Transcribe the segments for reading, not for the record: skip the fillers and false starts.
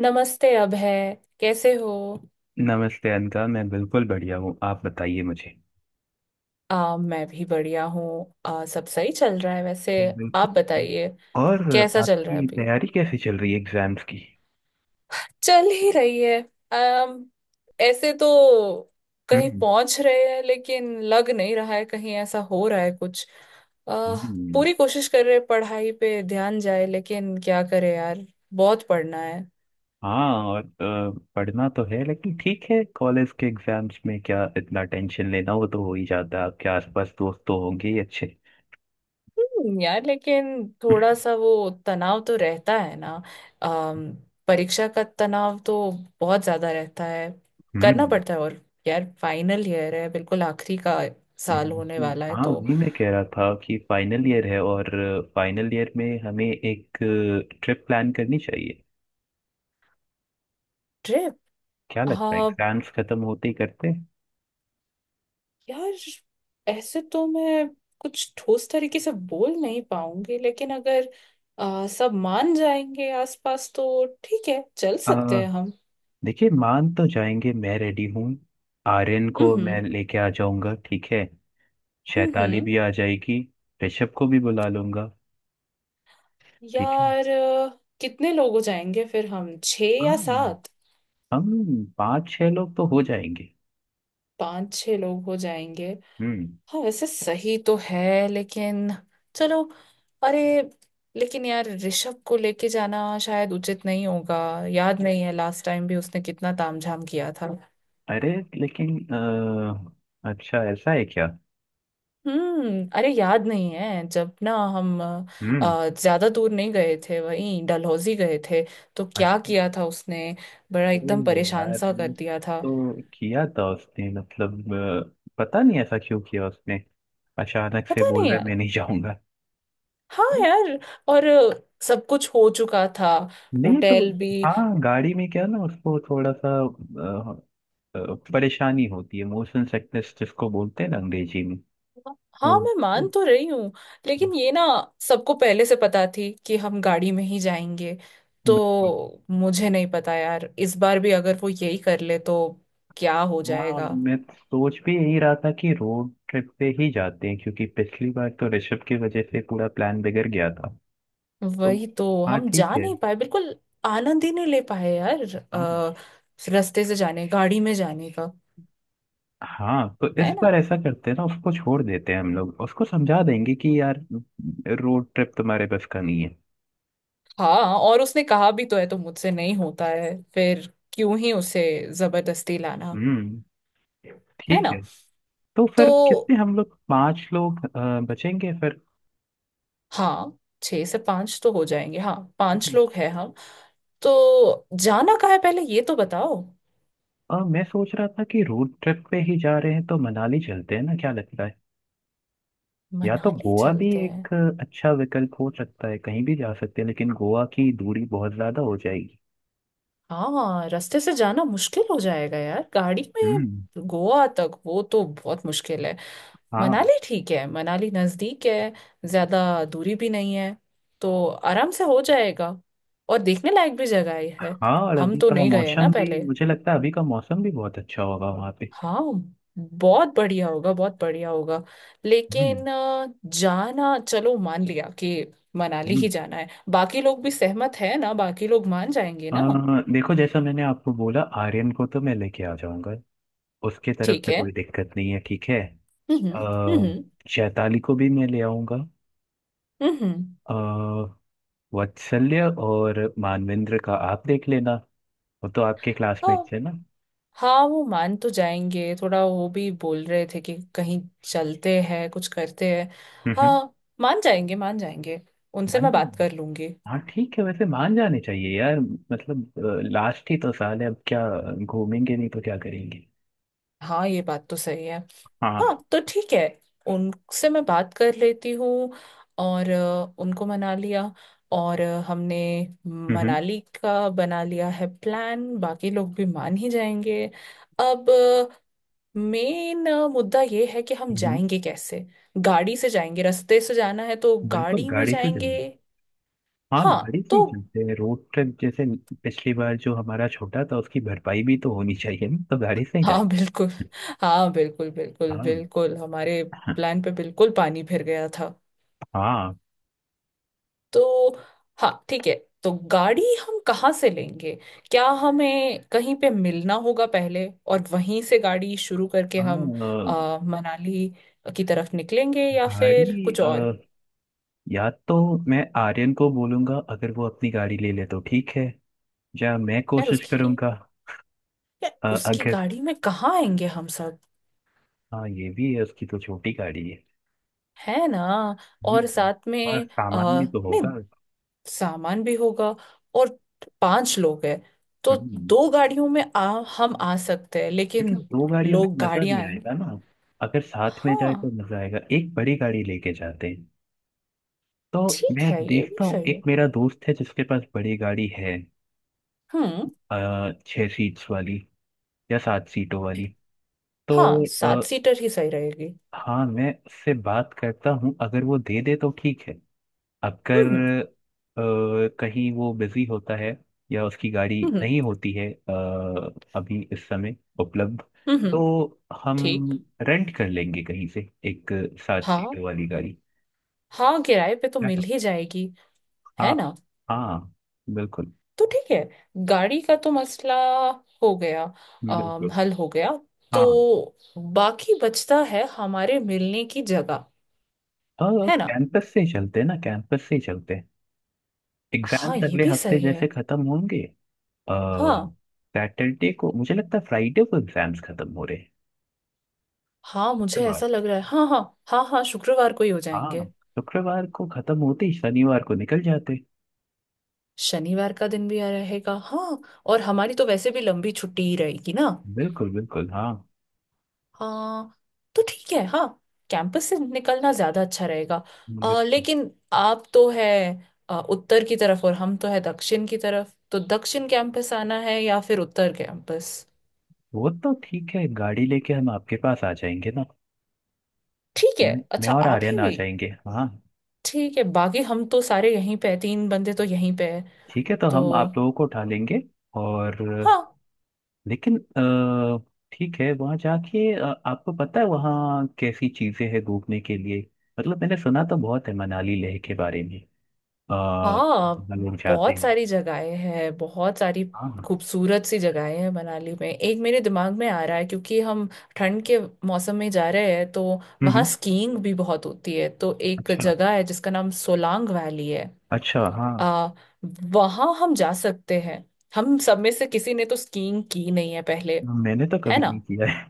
नमस्ते अभय, कैसे हो। नमस्ते अनका। मैं बिल्कुल बढ़िया हूँ। आप बताइए मुझे। मैं भी बढ़िया हूँ। सब सही चल रहा है वैसे। आप बिल्कुल। बताइए, और। कैसा चल रहा है आपकी अभी। तैयारी कैसी चल रही है एग्जाम्स की? चल ही रही है। अम ऐसे तो कहीं हम्म, पहुंच रहे हैं, लेकिन लग नहीं रहा है कहीं ऐसा हो रहा है कुछ। आ, हम्म, पूरी कोशिश कर रहे हैं पढ़ाई पे ध्यान जाए, लेकिन क्या करे यार, बहुत पढ़ना है। हाँ, और पढ़ना तो है लेकिन ठीक है। कॉलेज के एग्जाम्स में क्या इतना टेंशन लेना, वो तो हो ही जाता है। आपके आसपास दोस्त तो होंगे ही अच्छे। यार लेकिन थोड़ा सा वो तनाव तो रहता है ना। अम, परीक्षा का तनाव तो बहुत ज्यादा रहता है। करना हम्म, पड़ता है, और यार फाइनल ईयर है, बिल्कुल आखिरी का साल होने वाला है हाँ, तो। वही मैं कह रहा था कि फाइनल ईयर है, और फाइनल ईयर में हमें एक ट्रिप प्लान करनी चाहिए। ट्रिप। क्या लगता है, हाँ एग्जाम्स खत्म होते ही करते यार, ऐसे तो मैं कुछ ठोस तरीके से बोल नहीं पाऊंगी, लेकिन अगर सब मान जाएंगे आसपास तो ठीक है, चल सकते हैं? हैं हम। देखिए, मान तो जाएंगे, मैं रेडी हूँ। आर्यन को हम्म। मैं लेके आ जाऊंगा, ठीक है। हम्म। शैताली हम्म। भी आ जाएगी। ऋषभ को भी बुला लूंगा। ठीक है। यार कितने लोग हो जाएंगे फिर, हम छः या हाँ। सात। हम पाँच छह लोग तो हो जाएंगे। पाँच छः लोग हो जाएंगे। हम्म। हाँ वैसे सही तो है लेकिन चलो। अरे, लेकिन यार ऋषभ को लेके जाना शायद उचित नहीं होगा। याद नहीं है, लास्ट टाइम भी उसने कितना तामझाम किया था। अरे, लेकिन अच्छा, ऐसा है क्या? हम्म, अरे याद नहीं है जब ना हम हम्म। ज्यादा दूर नहीं गए थे, वहीं डलहौजी गए थे तो क्या अच्छा। किया था उसने। बड़ा अरे एकदम परेशान यार, सा कर वो दिया था। तो किया था उसने। मतलब पता नहीं ऐसा क्यों किया उसने, अचानक से पता बोल नहीं रहा है यार। मैं नहीं जाऊंगा। हाँ यार, और सब कुछ हो चुका था, नहीं तो। होटल भी। हाँ, गाड़ी में क्या ना, उसको थोड़ा सा परेशानी होती है, मोशन सिकनेस जिसको बोलते हैं ना अंग्रेजी में। हाँ वो। मैं मान तो रही हूँ, लेकिन ये ना सबको पहले से पता थी कि हम गाड़ी में ही जाएंगे बिल्कुल। तो। मुझे नहीं पता यार, इस बार भी अगर वो यही कर ले तो क्या हो हाँ, जाएगा। मैं सोच भी यही रहा था कि रोड ट्रिप पे ही जाते हैं, क्योंकि पिछली बार तो ऋषभ की वजह से पूरा प्लान बिगड़ गया था। तो। वही तो हाँ, हम जा ठीक है। नहीं पाए बिल्कुल, आनंद ही नहीं ले पाए यार। हाँ। आ, रास्ते से जाने गाड़ी में जाने का, हाँ, तो इस है ना। बार ऐसा करते हैं ना, उसको छोड़ देते हैं। हम लोग उसको समझा देंगे कि यार, रोड ट्रिप तुम्हारे बस का नहीं है। हाँ और उसने कहा भी तो है तो मुझसे नहीं होता है, फिर क्यों ही उसे जबरदस्ती लाना, हम्म। है ठीक है। ना। तो फिर तो कितने हम लोग, पांच लोग बचेंगे फिर? हाँ, छह से पांच तो हो जाएंगे, हाँ पांच लोग हैं हम। तो जाना कहाँ है पहले, ये तो बताओ। मैं सोच रहा था कि रोड ट्रिप पे ही जा रहे हैं, तो मनाली चलते हैं ना, क्या लगता है? या तो मनाली गोवा भी चलते हैं। एक अच्छा विकल्प हो सकता है, कहीं भी जा सकते हैं, लेकिन गोवा की दूरी बहुत ज्यादा हो जाएगी। हाँ रास्ते से जाना मुश्किल हो जाएगा यार, गाड़ी हम्म। में गोवा तक वो तो बहुत मुश्किल है। हाँ। मनाली ठीक है, मनाली नज़दीक है, ज़्यादा दूरी भी नहीं है तो आराम से हो जाएगा, और देखने लायक भी जगह ही है। हाँ, और हम अभी तो का नहीं गए हैं ना मौसम भी, पहले। मुझे लगता है अभी का मौसम भी बहुत अच्छा होगा वहाँ पे। हाँ, बहुत बढ़िया होगा, बहुत बढ़िया होगा। हम्म, लेकिन जाना चलो, मान लिया कि मनाली हम्म। ही जाना है। बाकी लोग भी सहमत है ना, बाकी लोग मान जाएंगे ना। देखो, जैसा मैंने आपको बोला, आर्यन को तो मैं लेके आ जाऊंगा। उसके तरफ ठीक से है। कोई दिक्कत नहीं है, ठीक है। हम्म। अ, हम्म। शैताली को भी मैं ले आऊंगा। हम्म। अ, वात्सल्य और मानवेंद्र का आप देख लेना। वो तो आपके हम्म। क्लासमेट्स है ना। हम्म। हाँ वो मान तो जाएंगे, थोड़ा वो भी बोल रहे थे कि कहीं चलते हैं, कुछ करते हैं। हम्म, हाँ मान जाएंगे, मान जाएंगे, उनसे मान मैं बात लेंगे। कर लूंगी। हाँ ठीक है, वैसे मान जाने चाहिए यार। मतलब, लास्ट ही तो साल है अब, क्या घूमेंगे नहीं तो क्या करेंगे? हाँ ये बात तो सही है। हाँ। हाँ तो ठीक है, उनसे मैं बात कर लेती हूँ और उनको मना लिया, और हमने हम्म, हम्म, मनाली का बना लिया है प्लान, बाकी लोग भी मान ही जाएंगे। अब मेन मुद्दा ये है कि हम हम्म, जाएंगे कैसे। गाड़ी से जाएंगे, रास्ते से जाना है तो बिल्कुल, गाड़ी में गाड़ी से जाएंगे। चलेंगे। हाँ, हाँ गाड़ी से ही तो। चलते हैं रोड ट्रिप जैसे। पिछली बार जो हमारा छोटा था, उसकी भरपाई भी तो होनी चाहिए ना, तो गाड़ी से ही हाँ जाएंगे। बिल्कुल। हाँ बिल्कुल बिल्कुल हाँ बिल्कुल, हमारे प्लान पे बिल्कुल पानी फिर गया था। हाँ। तो हाँ ठीक है। तो गाड़ी हम कहाँ से लेंगे? क्या हमें कहीं पे मिलना होगा पहले और वहीं से गाड़ी शुरू करके हम हाँ, मनाली की तरफ निकलेंगे, या फिर गाड़ी कुछ और। या तो मैं आर्यन को बोलूंगा, अगर वो अपनी गाड़ी ले ले तो ठीक है। या मैं यार कोशिश उसकी करूंगा। यार, उसकी अगर, गाड़ी में कहाँ आएंगे हम सब, हाँ, ये भी है, उसकी तो छोटी गाड़ी है। है ना। और हम्म, साथ और में सामान भी तो नहीं, होगा। सामान भी होगा, और पांच लोग हैं तो हम्म। दो गाड़ियों में हम आ सकते हैं, लेकिन लेकिन दो गाड़ियों में लोग मजा गाड़ियां नहीं आएंगे। आएगा ना। अगर साथ में जाए हाँ तो मजा आएगा, एक बड़ी गाड़ी लेके जाते हैं। तो। ठीक मैं है, ये भी देखता हूँ, सही एक है। मेरा दोस्त है जिसके पास बड़ी गाड़ी है। हम्म। छह सीट्स वाली या सात सीटों वाली। ठीक। हाँ, तो। सात सीटर ही सही रहेगी। हाँ, मैं उससे बात करता हूँ, अगर वो दे दे तो ठीक है। अगर हम्म। अ, कहीं वो बिजी होता है, या उसकी गाड़ी हम्म। हम्म। नहीं होती है अभी इस समय उपलब्ध, हम्म, हम्म, तो हम ठीक। रेंट कर लेंगे कहीं से एक सात हाँ सीटर वाली गाड़ी। हाँ, किराए पे तो है? मिल ही जाएगी, हाँ। है ना। हाँ, बिल्कुल। तो ठीक है, गाड़ी का तो मसला हो गया। बिल्कुल। हल हो गया। हाँ। तो बाकी बचता है हमारे मिलने की जगह, और है ना। कैंपस से ही चलते हैं ना, कैंपस से ही चलते हैं। हाँ, एग्जाम्स ये अगले भी हफ्ते सही है। जैसे खत्म होंगे। हाँ सैटरडे को, मुझे लगता है फ्राइडे को एग्जाम्स खत्म हो रहे हैं। हाँ, मुझे शुक्रवार। ऐसा लग रहा है, हाँ हाँ। हाँ हाँ, शुक्रवार को ही हो हाँ। जाएंगे। शुक्रवार को खत्म होते ही शनिवार को निकल जाते। शनिवार का दिन भी आ रहेगा। हाँ और हमारी तो वैसे भी लंबी छुट्टी ही रहेगी ना। बिल्कुल बिल्कुल, हाँ। हाँ तो ठीक है, हाँ, कैंपस से निकलना ज्यादा अच्छा रहेगा। बिल्कुल। लेकिन आप तो है उत्तर की तरफ, और हम तो है दक्षिण की तरफ, तो दक्षिण कैंपस आना है या फिर उत्तर कैंपस। वो तो ठीक है, गाड़ी लेके हम आपके पास आ जाएंगे ना। ठीक है, मैं अच्छा और आप आर्यन ही आ भी जाएंगे, हाँ। ठीक है। बाकी हम तो सारे यहीं पे हैं, तीन बंदे तो यहीं पे है ठीक है, तो तो। हम आप लोगों को उठा लेंगे। और। हाँ। लेकिन ठीक है, वहाँ जाके आपको पता है वहाँ कैसी चीजें हैं घूमने के लिए? मतलब मैंने सुना तो बहुत है मनाली लेह के बारे में। आ, हाँ, लोग जाते बहुत हैं। सारी जगहें हैं, बहुत सारी हाँ, हाँ, खूबसूरत सी जगहें हैं मनाली में। एक मेरे दिमाग में आ रहा है, क्योंकि हम ठंड के मौसम में जा रहे हैं तो हम्म, वहाँ स्कीइंग भी बहुत होती है, तो एक अच्छा। जगह है जिसका नाम सोलांग वैली है। अच्छा, हाँ। आ, वहाँ हम जा सकते हैं। हम सब में से किसी ने तो स्कीइंग की नहीं है पहले, मैंने तो है कभी ना। नहीं किया है।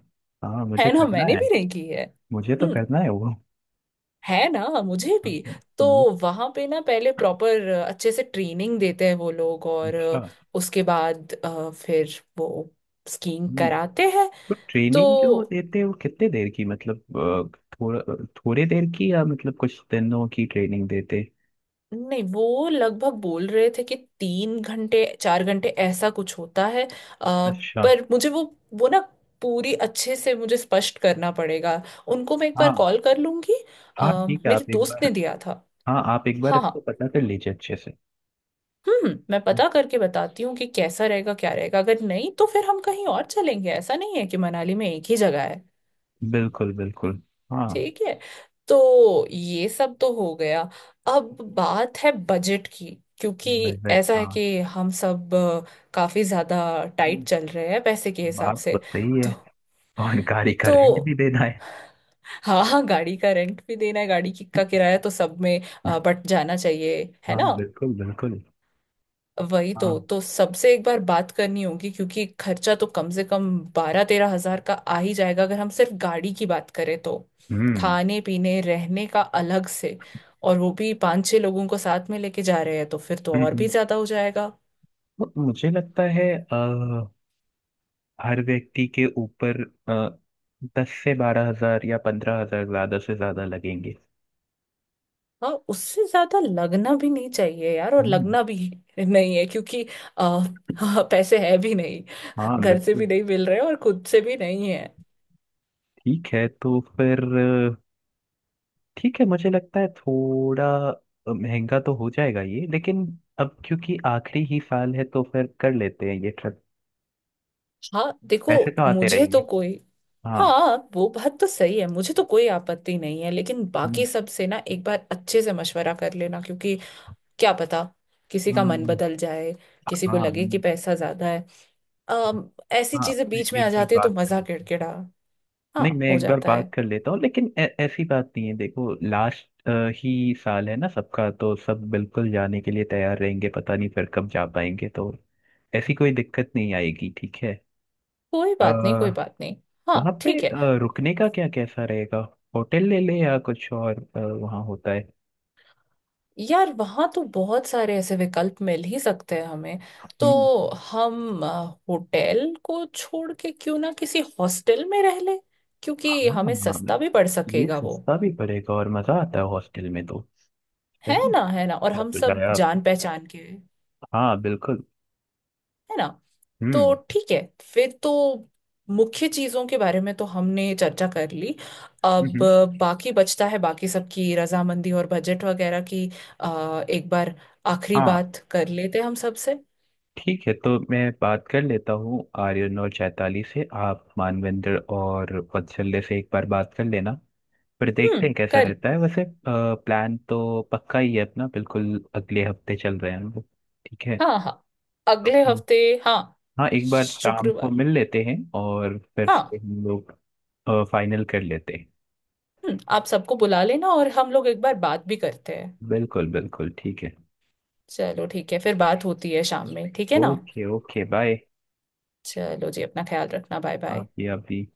हाँ, मुझे है ना, करना मैंने है। भी नहीं की है। मुझे तो हम्म। करना है वो। है ना, मुझे भी। हाँ, तो हम्म, वहां पे ना पहले प्रॉपर अच्छे से ट्रेनिंग देते हैं वो लोग, और अच्छा। उसके बाद फिर वो स्कीइंग हम्म, कराते हैं। तो तो ट्रेनिंग जो देते हैं वो कितने देर की, मतलब थोड़ा थोड़े देर की या मतलब कुछ दिनों की ट्रेनिंग देते हैं? नहीं, वो लगभग बोल रहे थे कि 3 घंटे 4 घंटे ऐसा कुछ होता है। अच्छा। पर मुझे वो ना पूरी अच्छे से मुझे स्पष्ट करना पड़ेगा। उनको मैं एक बार हाँ कॉल कर लूंगी। अ, हाँ, ठीक है, मेरे आप एक दोस्त बार। ने दिया था। हाँ, आप एक बार हाँ इसको हाँ। पता कर लीजिए अच्छे से। हम्म, मैं पता करके बताती हूँ कि कैसा रहेगा, क्या रहेगा। अगर नहीं तो फिर हम कहीं और चलेंगे, ऐसा नहीं है कि मनाली में एक ही जगह है। बिल्कुल बिल्कुल। हाँ। ठीक है। तो ये सब तो हो गया। अब बात है बजट की, क्योंकि बिल्कुल। ऐसा है हाँ। कि हम सब काफी ज्यादा टाइट हम्म, चल रहे हैं पैसे के हिसाब बात तो से। सही तो। है। और गाड़ी का तो रेंट भी देना है। हाँ हाँ, गाड़ी का रेंट भी देना है, गाड़ी की का किराया तो सब में बट जाना चाहिए, है हाँ, ना। बिल्कुल बिल्कुल। वही तो हाँ। तो सबसे एक बार बात करनी होगी, क्योंकि खर्चा तो कम से कम 12-13 हजार का आ ही जाएगा, अगर हम सिर्फ गाड़ी की बात करें तो। हम्म, खाने पीने रहने का अलग से, और वो भी पांच छह लोगों को साथ में लेके जा रहे हैं तो फिर तो हम्म, और भी हम्म। ज्यादा हो जाएगा। तो मुझे लगता है हर व्यक्ति के ऊपर अ, 10,000 से 12,000 या 15,000, ज्यादा से ज्यादा लगेंगे। हाँ, उससे ज्यादा लगना भी नहीं चाहिए यार, और हम्म। लगना भी नहीं है क्योंकि आ, पैसे है भी नहीं, हाँ, घर से भी बिल्कुल। नहीं मिल रहे और खुद से भी नहीं है। ठीक है तो फिर अ, ठीक है, मुझे लगता है थोड़ा महंगा तो हो जाएगा ये, लेकिन अब क्योंकि आखिरी ही साल है, तो फिर कर लेते हैं ये ट्रिप। हाँ देखो, पैसे तो आते मुझे तो रहेंगे। कोई। हाँ। हाँ वो बात तो सही है, मुझे तो कोई आपत्ति नहीं है, लेकिन हम्म, बाकी सब से ना एक बार अच्छे से मशवरा कर लेना, क्योंकि क्या पता किसी का मन हाँ बदल जाए, किसी को लगे कि हाँ। पैसा ज्यादा है। ऐसी हाँ, चीजें मैं बीच में आ एक बार जाती है तो बात कर मजा लेता हूँ। किड़किड़ा। नहीं, हाँ मैं हो एक बार जाता बात है। कर लेता हूँ, लेकिन ऐसी बात नहीं है। देखो, लास्ट ही साल है ना सबका, तो सब बिल्कुल जाने के लिए तैयार रहेंगे। पता नहीं फिर कब जा पाएंगे, तो ऐसी कोई दिक्कत नहीं आएगी, ठीक है। कोई बात नहीं, कोई आ, बात नहीं। वहाँ हाँ पे ठीक है। रुकने का क्या कैसा रहेगा? होटल ले ले या कुछ और वहाँ होता है? यार वहाँ तो बहुत सारे ऐसे विकल्प मिल ही सकते हैं हमें। तो हम्म, हम होटल को छोड़ के क्यों ना किसी हॉस्टल में रह ले, क्योंकि हमें सस्ता हाँ, भी पड़ ये सकेगा वो। सस्ता भी पड़ेगा और मजा आता है हॉस्टल में तो। सही। है ना, है ना, और अच्छा हम सब सुझाया आपने। जान पहचान के है हाँ बिल्कुल। ना। तो हम्म, ठीक है फिर तो, मुख्य चीजों के बारे में तो हमने चर्चा कर ली। अब हम्म, बाकी बचता है बाकी सबकी रजामंदी और बजट वगैरह की। एक बार आखिरी हाँ बात कर लेते हम सबसे। ठीक है, तो मैं बात कर लेता हूँ आर्यन और चैताली से, आप मानवेंद्र और वत्सल्य से एक बार बात कर लेना। फिर देखते हैं हम्म, कैसा कल। रहता है। वैसे प्लान तो पक्का ही है अपना, बिल्कुल अगले हफ्ते चल रहे हैं हम लोग। ठीक है। हाँ हाँ, अगले हम्म, हफ्ते। हाँ हाँ, एक बार शाम को शुक्रवार। मिल लेते हैं और फिर से हाँ। हम लोग फाइनल कर लेते हैं। हम्म, आप सबको बुला लेना और हम लोग एक बार बात भी करते हैं। बिल्कुल बिल्कुल, ठीक है। चलो ठीक है, फिर बात होती है शाम में, ठीक है ना। Okay okay, bye. चलो जी, अपना ख्याल रखना, बाय बाय। आप भी, आप भी।